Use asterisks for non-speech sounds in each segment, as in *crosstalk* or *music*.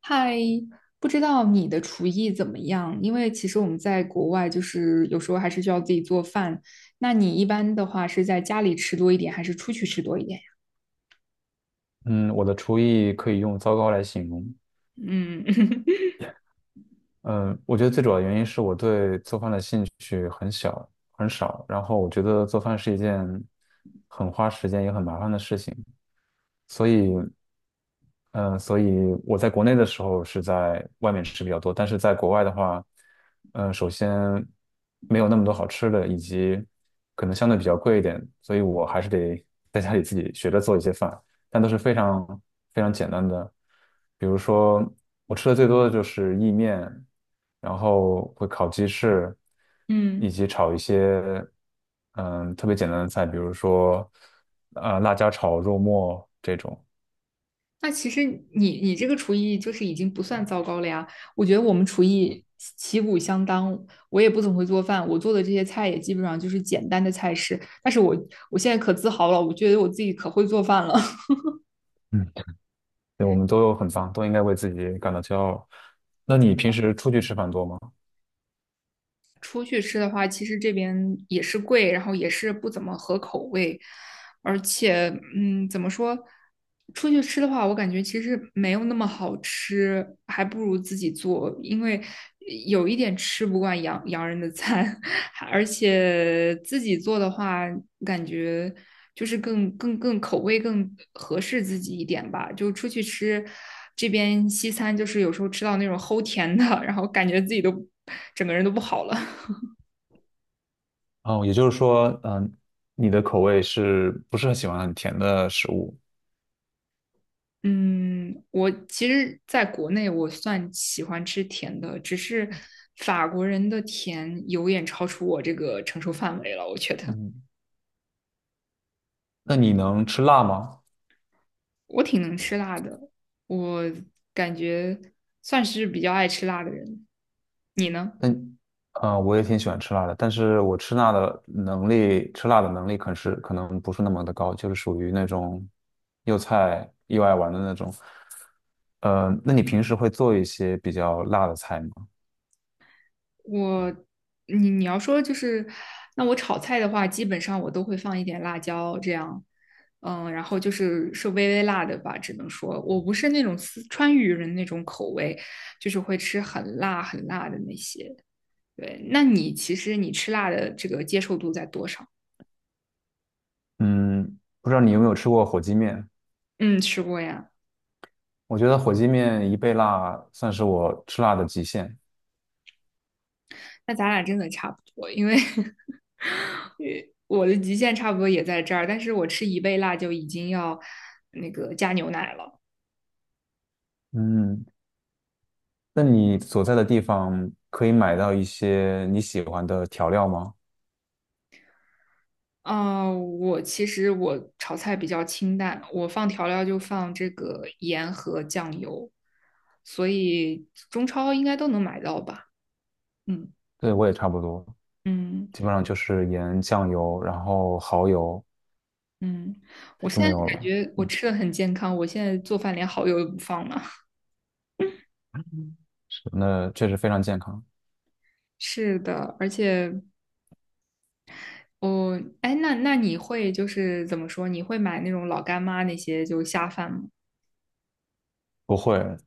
嗨，不知道你的厨艺怎么样？因为其实我们在国外，就是有时候还是需要自己做饭。那你一般的话是在家里吃多一点，还是出去吃多一点呀？嗯，我的厨艺可以用糟糕来形容。嗯 *laughs* 嗯，我觉得最主要的原因是我对做饭的兴趣很小很少，然后我觉得做饭是一件很花时间也很麻烦的事情，所以，嗯，所以我在国内的时候是在外面吃比较多，但是在国外的话，首先没有那么多好吃的，以及可能相对比较贵一点，所以我还是得在家里自己学着做一些饭。但都是非常非常简单的。比如说，我吃的最多的就是意面，然后会烤鸡翅，嗯，以及炒一些特别简单的菜，比如说辣椒炒肉末这种。那其实你这个厨艺就是已经不算糟糕了呀。我觉得我们厨艺旗鼓相当，我也不怎么会做饭，我做的这些菜也基本上就是简单的菜式。但是我现在可自豪了，我觉得我自己可会做饭了。嗯，对我们都很脏，都应该为自己感到骄傲。那你平时出去吃饭多吗？出去吃的话，其实这边也是贵，然后也是不怎么合口味，而且，怎么说？出去吃的话，我感觉其实没有那么好吃，还不如自己做，因为有一点吃不惯洋人的餐，*laughs* 而且自己做的话，感觉就是更口味更合适自己一点吧。就出去吃，这边西餐就是有时候吃到那种齁甜的，*laughs* 然后感觉自己都整个人都不好了。哦，也就是说，你的口味是不是很喜欢很甜的食物？嗯，我其实在国内我算喜欢吃甜的，只是法国人的甜有点超出我这个承受范围了。我觉得嗯，那你能吃辣吗？我挺能吃辣的，我感觉算是比较爱吃辣的人。你呢？嗯，我也挺喜欢吃辣的，但是我吃辣的能力可能不是那么的高，就是属于那种又菜又爱玩的那种。那你平时会做一些比较辣的菜吗？我，你要说就是，那我炒菜的话，基本上我都会放一点辣椒，这样，然后就是微微辣的吧，只能说我不是那种四川渝人那种口味，就是会吃很辣很辣的那些。对，那你其实吃辣的这个接受度在多少？嗯，不知道你有没有吃过火鸡面？嗯，吃过呀。我觉得火鸡面一倍辣算是我吃辣的极限。那咱俩真的差不多，因为 *laughs* 我的极限差不多也在这儿，但是我吃一倍辣就已经要那个加牛奶了。嗯，那你所在的地方可以买到一些你喜欢的调料吗？啊，我其实炒菜比较清淡，我放调料就放这个盐和酱油，所以中超应该都能买到吧？嗯对，我也差不多。嗯基本上就是盐、酱油，然后蚝油嗯，我就现没在有感了。觉我嗯，吃的很健康，我现在做饭连蚝油都不放了。*laughs* 那确实非常健康。是的，而且哎，那你会就是怎么说？你会买那种老干妈那些就下饭吗？不会，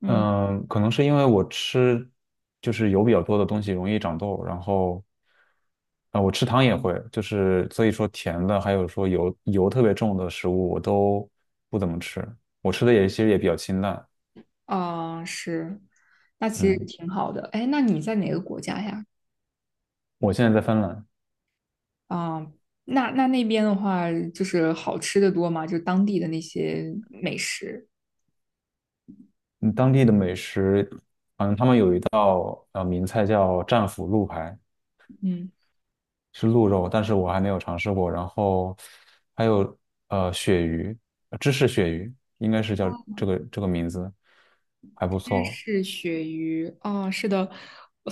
嗯，嗯，可能是因为我吃就是油比较多的东西容易长痘，然后啊，我吃糖也会，就是所以说甜的，还有说油特别重的食物我都不怎么吃，我吃的也其实也比较清淡。啊，是，那其实嗯，挺好的。哎，那你在哪个国家呀？我现在在芬兰，啊，那那边的话，就是好吃的多嘛，就当地的那些美食。嗯当地的美食名菜叫战斧鹿排，嗯，是鹿肉，但是我还没有尝试过。然后还有鳕鱼，芝士鳕鱼应该是叫这个名字，还不芝错。士鳕鱼哦，是的，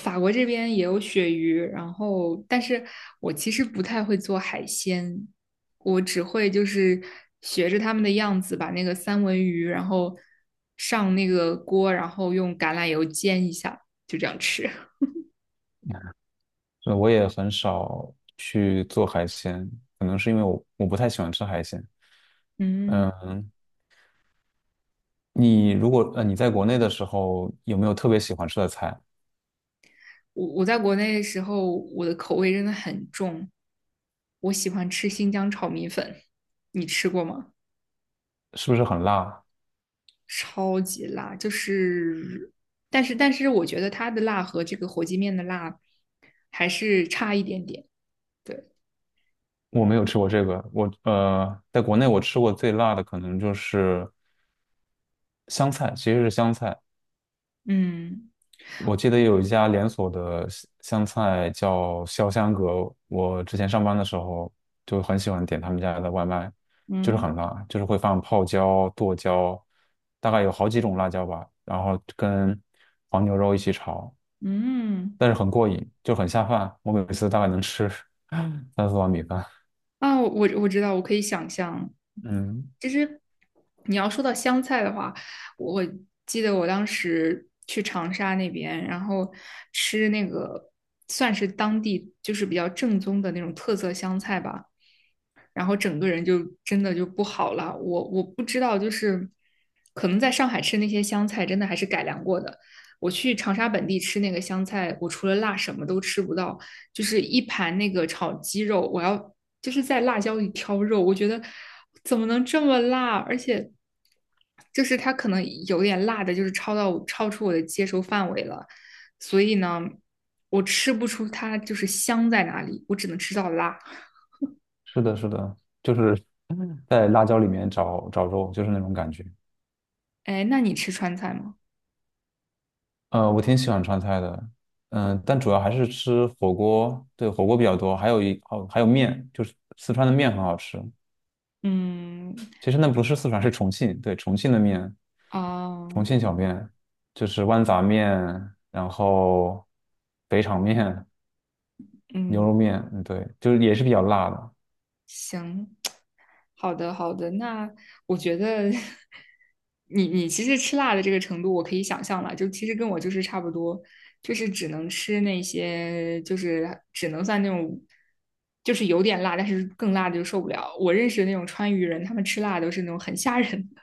法国这边也有鳕鱼，然后但是我其实不太会做海鲜，我只会就是学着他们的样子，把那个三文鱼，然后上那个锅，然后用橄榄油煎一下，就这样吃。我也很少去做海鲜，可能是因为我不太喜欢吃海鲜。*laughs* 嗯。嗯，你如果呃你在国内的时候有没有特别喜欢吃的菜？我在国内的时候，我的口味真的很重，我喜欢吃新疆炒米粉，你吃过吗？是不是很辣？超级辣，就是，但是我觉得它的辣和这个火鸡面的辣还是差一点点。对，我没有吃过这个，我在国内我吃过最辣的可能就是香菜，其实是香菜。嗯我记得有一家连锁的湘菜叫潇湘阁，我之前上班的时候就很喜欢点他们家的外卖，就是嗯很辣，就是会放泡椒、剁椒，大概有好几种辣椒吧，然后跟黄牛肉一起炒，嗯，但是很过瘾，就很下饭。我每次大概能吃 *laughs* 三四碗米饭。啊，我知道，我可以想象，嗯，其实你要说到湘菜的话，我记得我当时去长沙那边，然后吃那个算是当地就是比较正宗的那种特色湘菜吧，然后整个人就真的就不好了。我不知道，就是可能在上海吃那些湘菜，真的还是改良过的。我去长沙本地吃那个湘菜，我除了辣什么都吃不到，就是一盘那个炒鸡肉，我要就是在辣椒里挑肉，我觉得怎么能这么辣？而且就是它可能有点辣的，就是超到超出我的接受范围了，所以呢，我吃不出它就是香在哪里，我只能吃到辣。是的，是的，就是在辣椒里面找找肉，就是那种感觉。哎，那你吃川菜吗？我挺喜欢川菜的，但主要还是吃火锅，对，火锅比较多，还有面，就是四川的面很好吃。嗯，其实那不是四川，是重庆，对，重庆的面，啊，重庆小面，就是豌杂面，然后肥肠面、牛嗯，肉面，嗯，对，就是也是比较辣的。行，好的，好的。那我觉得 *laughs* 你其实吃辣的这个程度，我可以想象了，就其实跟我就是差不多，就是只能吃那些，就是只能算那种，就是有点辣，但是更辣的就受不了。我认识的那种川渝人，他们吃辣都是那种很吓人的。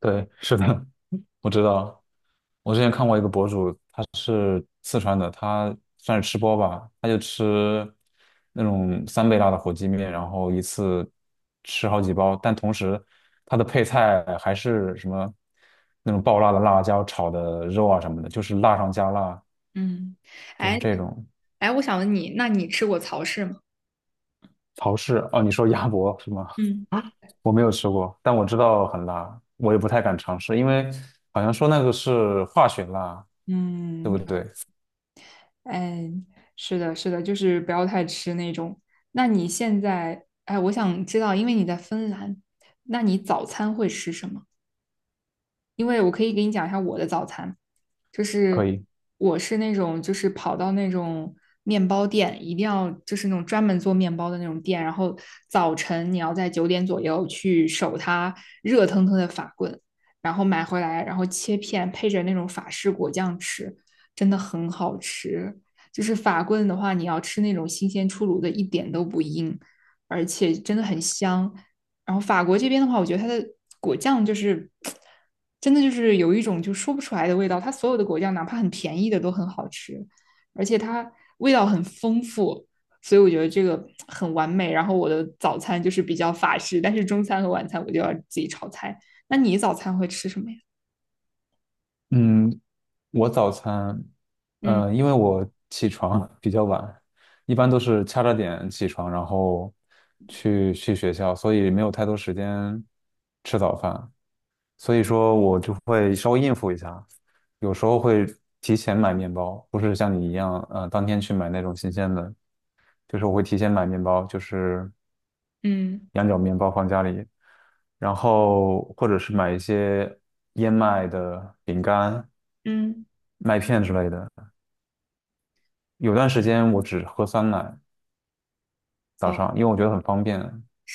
对，是的，我知道，我之前看过一个博主，他是四川的，他算是吃播吧，他就吃那种三倍辣的火鸡面，然后一次吃好几包，但同时他的配菜还是什么那种爆辣的辣椒炒的肉啊什么的，就是辣上加辣，嗯，就是哎，这种哎，我想问你，那你吃过曹氏吗？曹氏。哦，你说鸭脖是吗？嗯。我没有吃过，但我知道很辣，我也不太敢尝试，因为好像说那个是化学辣，对嗯，不对？嗯，是的，是的，就是不要太吃那种。那你现在，哎，我想知道，因为你在芬兰，那你早餐会吃什么？因为我可以给你讲一下我的早餐，就可是以。我是那种就是跑到那种面包店，一定要就是那种专门做面包的那种店，然后早晨你要在9点左右去守它热腾腾的法棍，然后买回来，然后切片配着那种法式果酱吃，真的很好吃。就是法棍的话，你要吃那种新鲜出炉的，一点都不硬，而且真的很香。然后法国这边的话，我觉得它的果酱就是真的就是有一种就说不出来的味道，它所有的果酱哪怕很便宜的都很好吃，而且它味道很丰富，所以我觉得这个很完美。然后我的早餐就是比较法式，但是中餐和晚餐我就要自己炒菜。那你早餐会吃什么呀？嗯，我早餐，嗯因为我起床 *laughs* 比较晚，一般都是掐着点起床，然后去学校，所以没有太多时间吃早饭，所以说我就会稍微应付一下，有时候会提前买面包，不是像你一样，当天去买那种新鲜的，就是我会提前买面包，就是嗯羊角面包放家里，然后或者是买一些燕麦的饼干、嗯，麦片之类的。有段时间我只喝酸奶，早哦，上，因为我觉得很方便。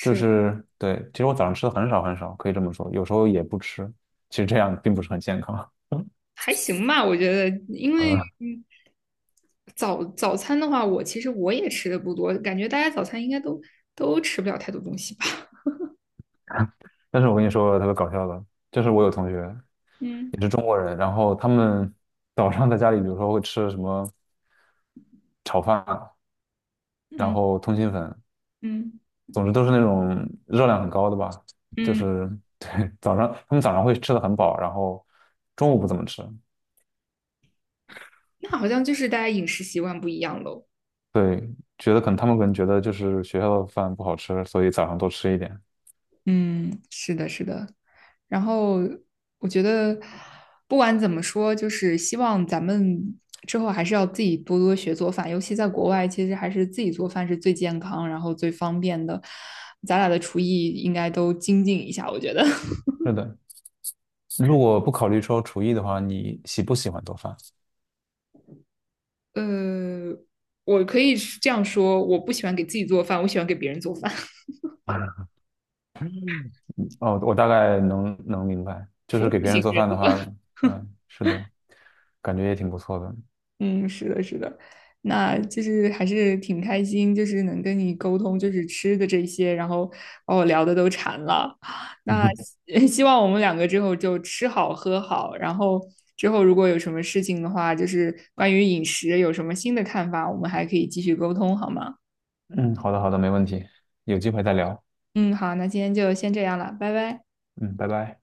就是对，其实我早上吃的很少很少，可以这么说，有时候也不吃。其实这样并不是很健康。*laughs* 还行吧，我觉得，因为嗯，早餐的话，我其实我也吃的不多，感觉大家早餐应该都吃不了太多东西吧。但是我跟你说特别搞笑的，就是我有同学嗯也是中国人，然后他们早上在家里，比如说会吃什么炒饭，然嗯后通心粉，嗯总之都是那种热量很高的吧。就嗯，是对，早上他们早上会吃的很饱，然后中午不怎么吃，那好像就是大家饮食习惯不一样喽。对，觉得可能他们可能觉得就是学校的饭不好吃，所以早上多吃一点。嗯，是的，是的。然后我觉得，不管怎么说，就是希望咱们之后还是要自己多多学做饭，尤其在国外，其实还是自己做饭是最健康，然后最方便的。咱俩的厨艺应该都精进一下，我觉得。*laughs* 是的，如果不考虑说厨艺的话，你喜不喜欢做饭？呃，我可以这样说，我不喜欢给自己做饭，我喜欢给别人做饭，*laughs* 哦，我大概能明白，就服是给务别人型做人饭的话，格。嗯，是的，感觉也挺不错的。嗯，是的，是的，那就是还是挺开心，就是能跟你沟通，就是吃的这些，然后把我聊的都馋了。*sucks teeth* 那 *laughs* 希 *laughs* 希望我们两个之后就吃好喝好，然后之后如果有什么事情的话，就是关于饮食有什么新的看法，我们还可以继续沟通，好吗？嗯，好的，好的，没问题，有机会再聊。嗯，好，那今天就先这样了，拜拜。嗯，拜拜。